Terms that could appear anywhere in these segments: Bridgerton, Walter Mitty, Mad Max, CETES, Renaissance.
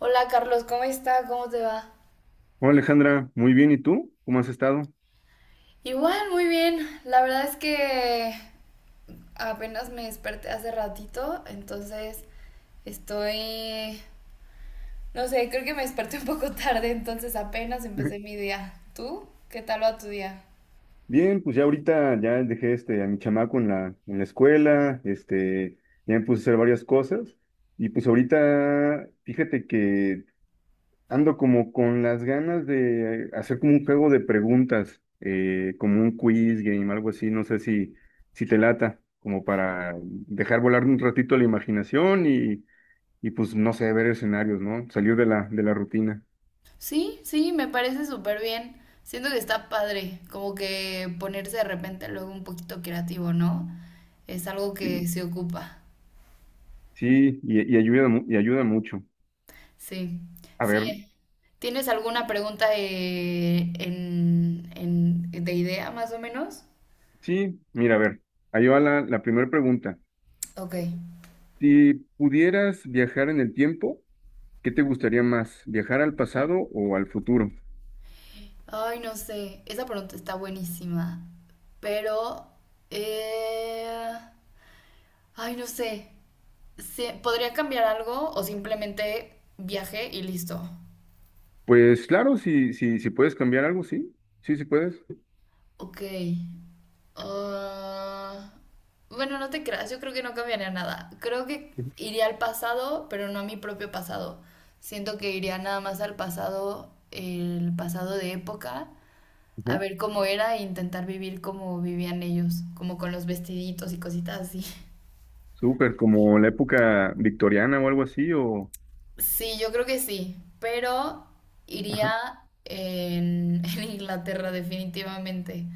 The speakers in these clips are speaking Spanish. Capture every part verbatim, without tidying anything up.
Hola Carlos, ¿cómo está? ¿Cómo te va? Hola Alejandra, muy bien, ¿y tú? ¿Cómo has estado? Igual, muy bien. La verdad es que apenas me desperté hace ratito, entonces estoy, no sé, creo que me desperté un poco tarde, entonces apenas empecé mi día. ¿Tú? ¿Qué tal va tu día? Bien, pues ya ahorita ya dejé este a mi chamaco en la, en la escuela, este, ya me puse a hacer varias cosas y pues ahorita fíjate que ando como con las ganas de hacer como un juego de preguntas, eh, como un quiz game, algo así, no sé si, si te lata, como para dejar volar un ratito la imaginación y, y pues no sé, ver escenarios, ¿no? Salir de la, de la rutina. Sí, sí, me parece súper bien. Siento que está padre, como que ponerse de repente luego un poquito creativo, ¿no? Es algo que se ocupa. Sí, y, y ayuda, mu- y ayuda mucho. Sí, A sí. ver, eh. ¿Tienes alguna pregunta eh, en, en- de idea más o menos? sí, mira, a ver, ahí va la, la primera pregunta. Ok. Si pudieras viajar en el tiempo, ¿qué te gustaría más? ¿Viajar al pasado o al futuro? Ay, no sé. Esa pregunta está buenísima. Pero... eh, Ay, no sé. Se- ¿Podría cambiar algo o simplemente viaje y listo? Pues claro, si, si, si puedes cambiar algo, sí, sí, sí puedes. Ok. Ah, bueno, no te creas, yo creo que no cambiaría nada. Creo que Ujú. iría al pasado, pero no a mi propio pasado. Siento que iría nada más al pasado, el pasado de época, a Ajá. ver cómo era e intentar vivir como vivían ellos, como con los vestiditos y cositas así. Súper, como la época victoriana o algo así, o. Sí, yo creo que sí, pero iría Ajá, en, en Inglaterra definitivamente,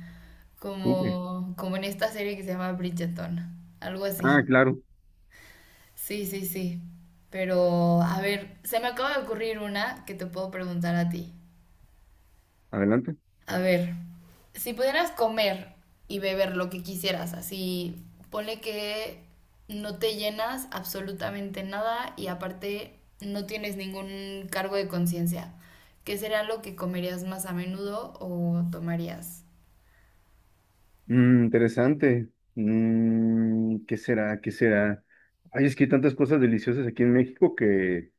súper. como, como en esta serie que se llama Bridgerton, algo Ah, así. claro, Sí, sí, sí. Pero, a ver, se me acaba de ocurrir una que te puedo preguntar a ti. adelante. A ver, si pudieras comer y beber lo que quisieras, así, ponle que no te llenas absolutamente nada y aparte no tienes ningún cargo de conciencia, ¿qué será lo que comerías más a menudo o tomarías? Mm, interesante. Mm, ¿qué será? ¿Qué será? Ay, es que hay tantas cosas deliciosas aquí en México que.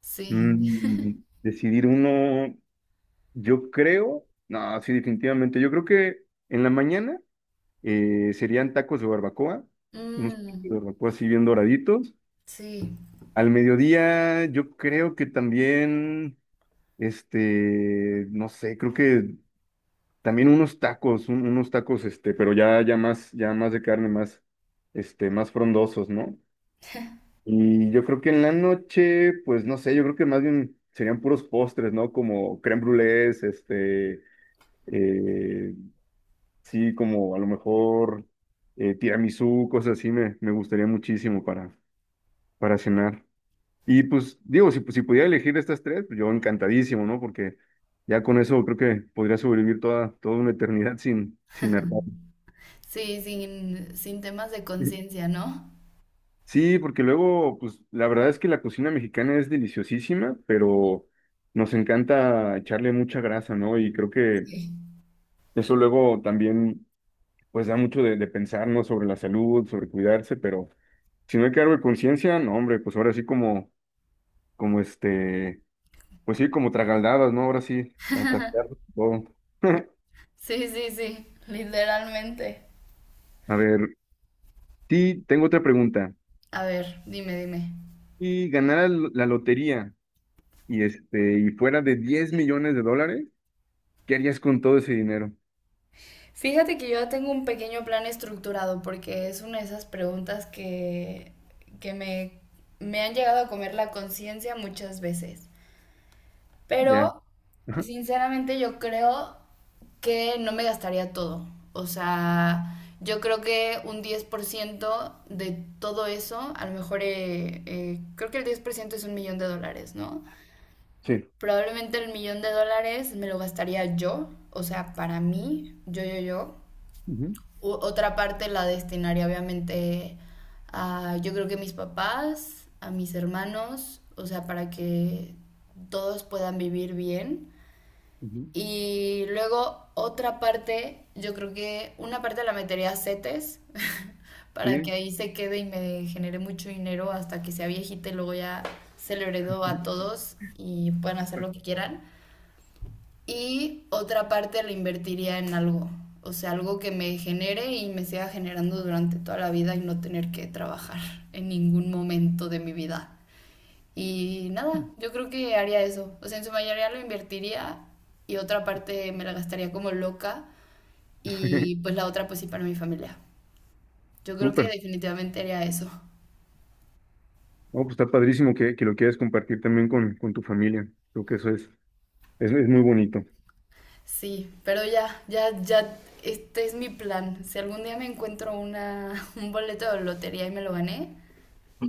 Sí. Mm, Decidir uno, yo creo, no, sí, definitivamente, yo creo que en la mañana eh, serían tacos de barbacoa, unos tacos de Mm, barbacoa así bien doraditos. sí, Al mediodía yo creo que también, este, no sé, creo que también unos tacos, un- unos tacos, este, pero ya, ya más, ya más de carne, más, este, más frondosos, ¿no? Y yo creo que en la noche, pues no sé, yo creo que más bien serían puros postres, ¿no? Como crème brûlés, este, eh, sí, como a lo mejor eh, tiramisú, cosas así, me, me gustaría muchísimo para, para cenar. Y pues digo, si, pues, si pudiera elegir estas tres, pues yo encantadísimo, ¿no? Porque ya con eso creo que podría sobrevivir toda, toda una eternidad sin, sin hartar. sí, sin, sin temas de conciencia, ¿no? Sí, porque luego, pues la verdad es que la cocina mexicana es deliciosísima, pero nos encanta echarle mucha grasa, ¿no? Y creo que Sí. eso luego también, pues da mucho de, de pensar, ¿no? Sobre la salud, sobre cuidarse, pero si no hay cargo de conciencia, no, hombre, pues ahora sí como, como este, pues sí, como tragaldadas, ¿no? Ahora sí, a tratar todo. Sí, sí, sí. Literalmente. A ver, sí, tengo otra pregunta. A ver, dime, dime. Si ganara la lotería y este, y fuera de diez millones de dólares, ¿qué harías con todo ese dinero? Fíjate que yo ya tengo un pequeño plan estructurado porque es una de esas preguntas que, que me, me han llegado a comer la conciencia muchas veces. Ya. Pero, Ajá. sinceramente, yo creo que no me gastaría todo. O sea, yo creo que un diez por ciento de todo eso, a lo mejor, eh, eh, creo que el diez por ciento es un millón de dólares, ¿no? Sí. Probablemente el millón de dólares me lo gastaría yo, o sea, para mí, yo, yo, yo. Ujú, U- otra parte la destinaría obviamente a, yo creo que mis papás, a mis hermanos, o sea, para que todos puedan vivir bien. ujú. Y luego otra parte, yo creo que una parte la metería a C E T E S, para que Sí. ahí se quede y me genere mucho dinero hasta que sea viejita y luego ya se lo heredo a todos y puedan hacer lo que quieran y otra parte la invertiría en algo, o sea, algo que me genere y me siga generando durante toda la vida y no tener que trabajar en ningún momento de mi vida. Y nada, yo creo que haría eso, o sea, en su mayoría lo invertiría y otra parte me la gastaría como loca y pues la otra pues sí para mi familia. Yo creo que Súper. definitivamente haría eso. No, pues está padrísimo que, que lo quieras compartir también con, con tu familia. Creo que eso es, es, es muy bonito. Sí, pero ya, ya, ya, este es mi plan. Si algún día me encuentro una, un boleto de lotería y me lo gané,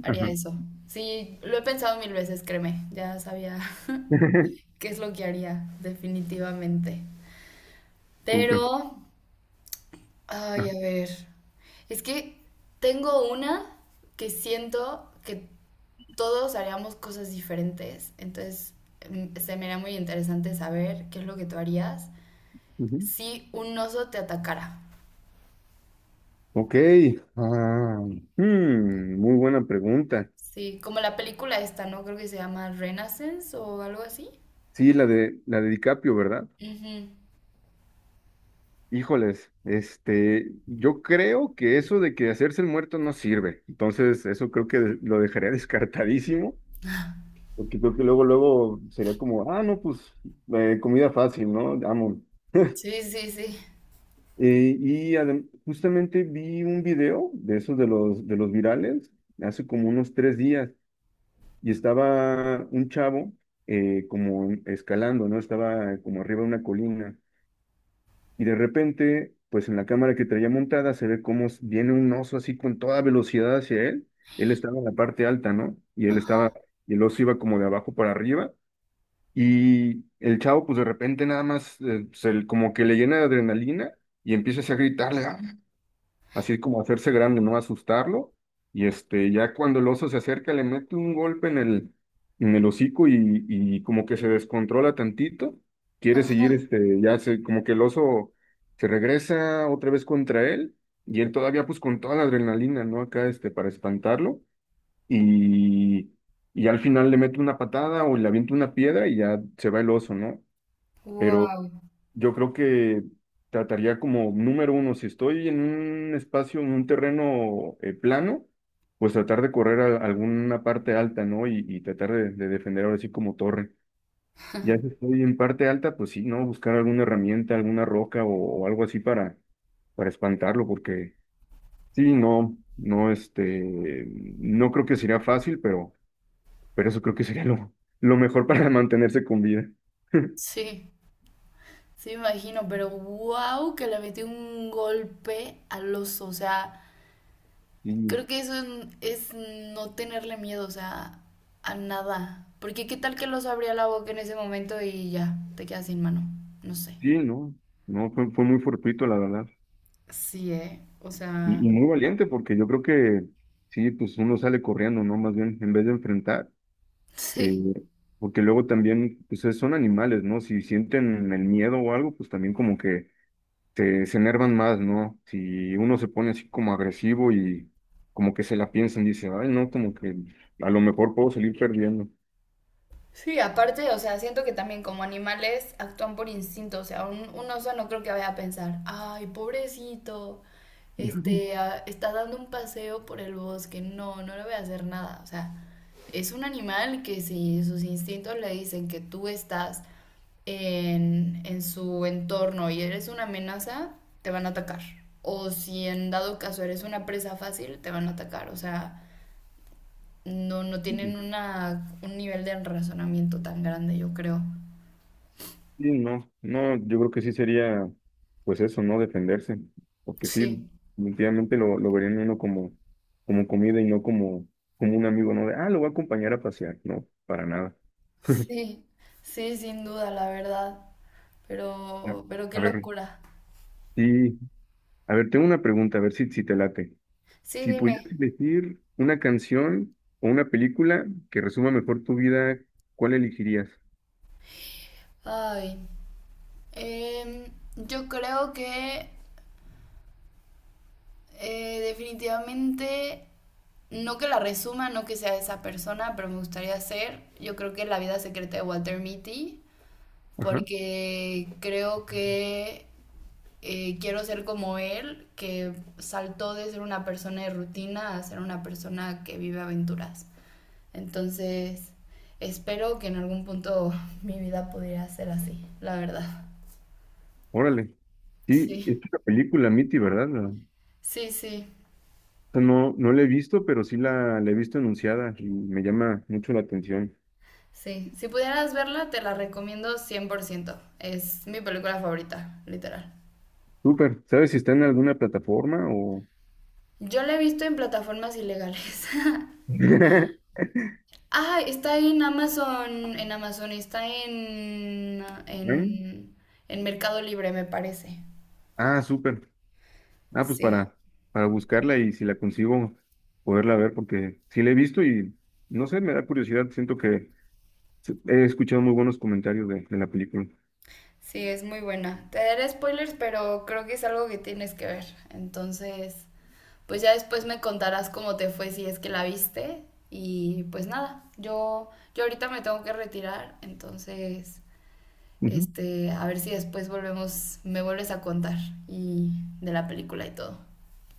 haría Ajá. eso. Sí, lo he pensado mil veces, créeme. Ya sabía qué es lo que haría, definitivamente. Pero, Súper. ay, Ajá. a ver. Es que tengo una que siento que todos haríamos cosas diferentes. Entonces, mm, se me era muy interesante saber qué es lo que tú harías Ujú. si un oso te atacara. Ok. Ah, hmm, muy buena pregunta. Sí, como la película esta, ¿no? Creo que se llama Renaissance o algo así. Sí, la de la de DiCaprio, ¿verdad? Ujú. Híjoles, este, yo creo que eso de que hacerse el muerto no sirve. Entonces, eso creo que lo dejaría descartadísimo. Porque creo que luego, luego sería como, ah, no, pues eh, comida fácil, ¿no? Amo. Sí, sí, sí. Eh, y adem- justamente vi un video de esos de los, de los virales hace como unos tres días y estaba un chavo eh, como escalando, ¿no? Estaba como arriba de una colina y de repente, pues en la cámara que traía montada se ve cómo s- viene un oso así con toda velocidad hacia él. Él estaba en la parte alta, ¿no? Y él estaba, Ajá, y el oso iba como de abajo para arriba. Y el chavo, pues de repente nada más, eh, se- como que le llena de adrenalina y empieza así a gritarle, "Ah", así como a hacerse grande, no asustarlo. Y este, ya cuando el oso se acerca, le mete un golpe en el, en el hocico y, y como que se descontrola tantito. Quiere ajá. seguir, este, ya se, como que el oso se regresa otra vez contra él y él todavía, pues con toda la adrenalina, ¿no? Acá, este, para espantarlo y, y al final le meto una patada o le aviento una piedra y ya se va el oso, ¿no? Pero Wow. yo creo que trataría como número uno, si estoy en un espacio, en un terreno eh, plano, pues tratar de correr a alguna parte alta, ¿no? Y, y tratar de, de defender ahora sí como torre. Ya si estoy en parte alta, pues sí, ¿no? Buscar alguna herramienta, alguna roca o o algo así para para espantarlo, porque sí, no, no, este, no creo que sería fácil, pero pero eso creo que sería lo, lo mejor para mantenerse con vida. Sí, sí me imagino, pero wow que le metió un golpe al oso, o sea, Sí, creo que eso es, es no tenerle miedo, o sea, a nada, porque qué tal que el oso abría la boca en ese momento y ya, te quedas sin mano, no sé. sí, no, no, fue, fue muy fortuito, la verdad. Sí, ¿eh? O sea, Y, y muy valiente, porque yo creo que sí, pues uno sale corriendo, ¿no? Más bien, en vez de enfrentar, eh, sí. porque luego también, pues es- son animales, ¿no? Si sienten el miedo o algo, pues también como que se, se enervan más, ¿no? Si uno se pone así como agresivo y como que se la piensan, dice, ay, no, como que a lo mejor puedo salir perdiendo. Sí, aparte, o sea, siento que también como animales actúan por instinto, o sea, un, un oso no creo que vaya a pensar, ay, pobrecito, este, ah, está dando un paseo por el bosque, no, no le voy a hacer nada, o sea, es un animal que si sus instintos le dicen que tú estás en, en su entorno y eres una amenaza, te van a atacar, o si en dado caso eres una presa fácil, te van a atacar, o sea no, no tienen una, un nivel de razonamiento tan grande, yo creo. Sí, no, no, yo creo que sí sería, pues eso, ¿no? Defenderse, porque sí, Sí. definitivamente lo, lo verían uno como, como comida y no como, como un amigo, ¿no? De, ah, lo voy a acompañar a pasear, no, para nada. Sí, sí, sin duda, la verdad. A Pero, pero qué a ver, locura. sí, a ver, tengo una pregunta, a ver si, si te late. Sí, Si pudieras dime. elegir una canción o una película que resuma mejor tu vida, ¿cuál elegirías? Ay, em, yo creo que eh, definitivamente, no que la resuma, no que sea esa persona, pero me gustaría ser, yo creo que la vida secreta de Walter Mitty, Ajá, porque creo que eh, quiero ser como él, que saltó de ser una persona de rutina a ser una persona que vive aventuras. Entonces, espero que en algún punto mi vida pudiera ser así, la verdad. órale. Sí, Sí, es una película, Mitty, ¿verdad? sí, sí, Esa. No, no la he visto, pero sí la, la he visto anunciada y me llama mucho la atención. sí. Si pudieras verla, te la recomiendo cien por ciento. Es mi película favorita, literal. Súper. ¿Sabes si está en alguna plataforma o? Yo la he visto en plataformas ilegales. ¿Eh? Ah, está en Amazon, en Amazon, está en, en, en Mercado Libre, me parece. Ah, súper. Ah, pues Sí, para, para buscarla y si la consigo, poderla ver, porque sí la he visto y no sé, me da curiosidad. Siento que se- he escuchado muy buenos comentarios de, de la película. sí, es muy buena. Te daré spoilers, pero creo que es algo que tienes que ver. Entonces, pues ya después me contarás cómo te fue si es que la viste. Y pues nada, yo, yo ahorita me tengo que retirar, entonces, Ujú. este, a ver si después volvemos, me vuelves a contar y de la película y todo.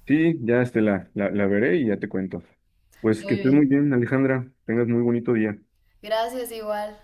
Sí, ya este, la, la, la veré y ya te cuento. Pues que Muy estés muy bien. bien, Alejandra. Tengas muy bonito día. Gracias igual.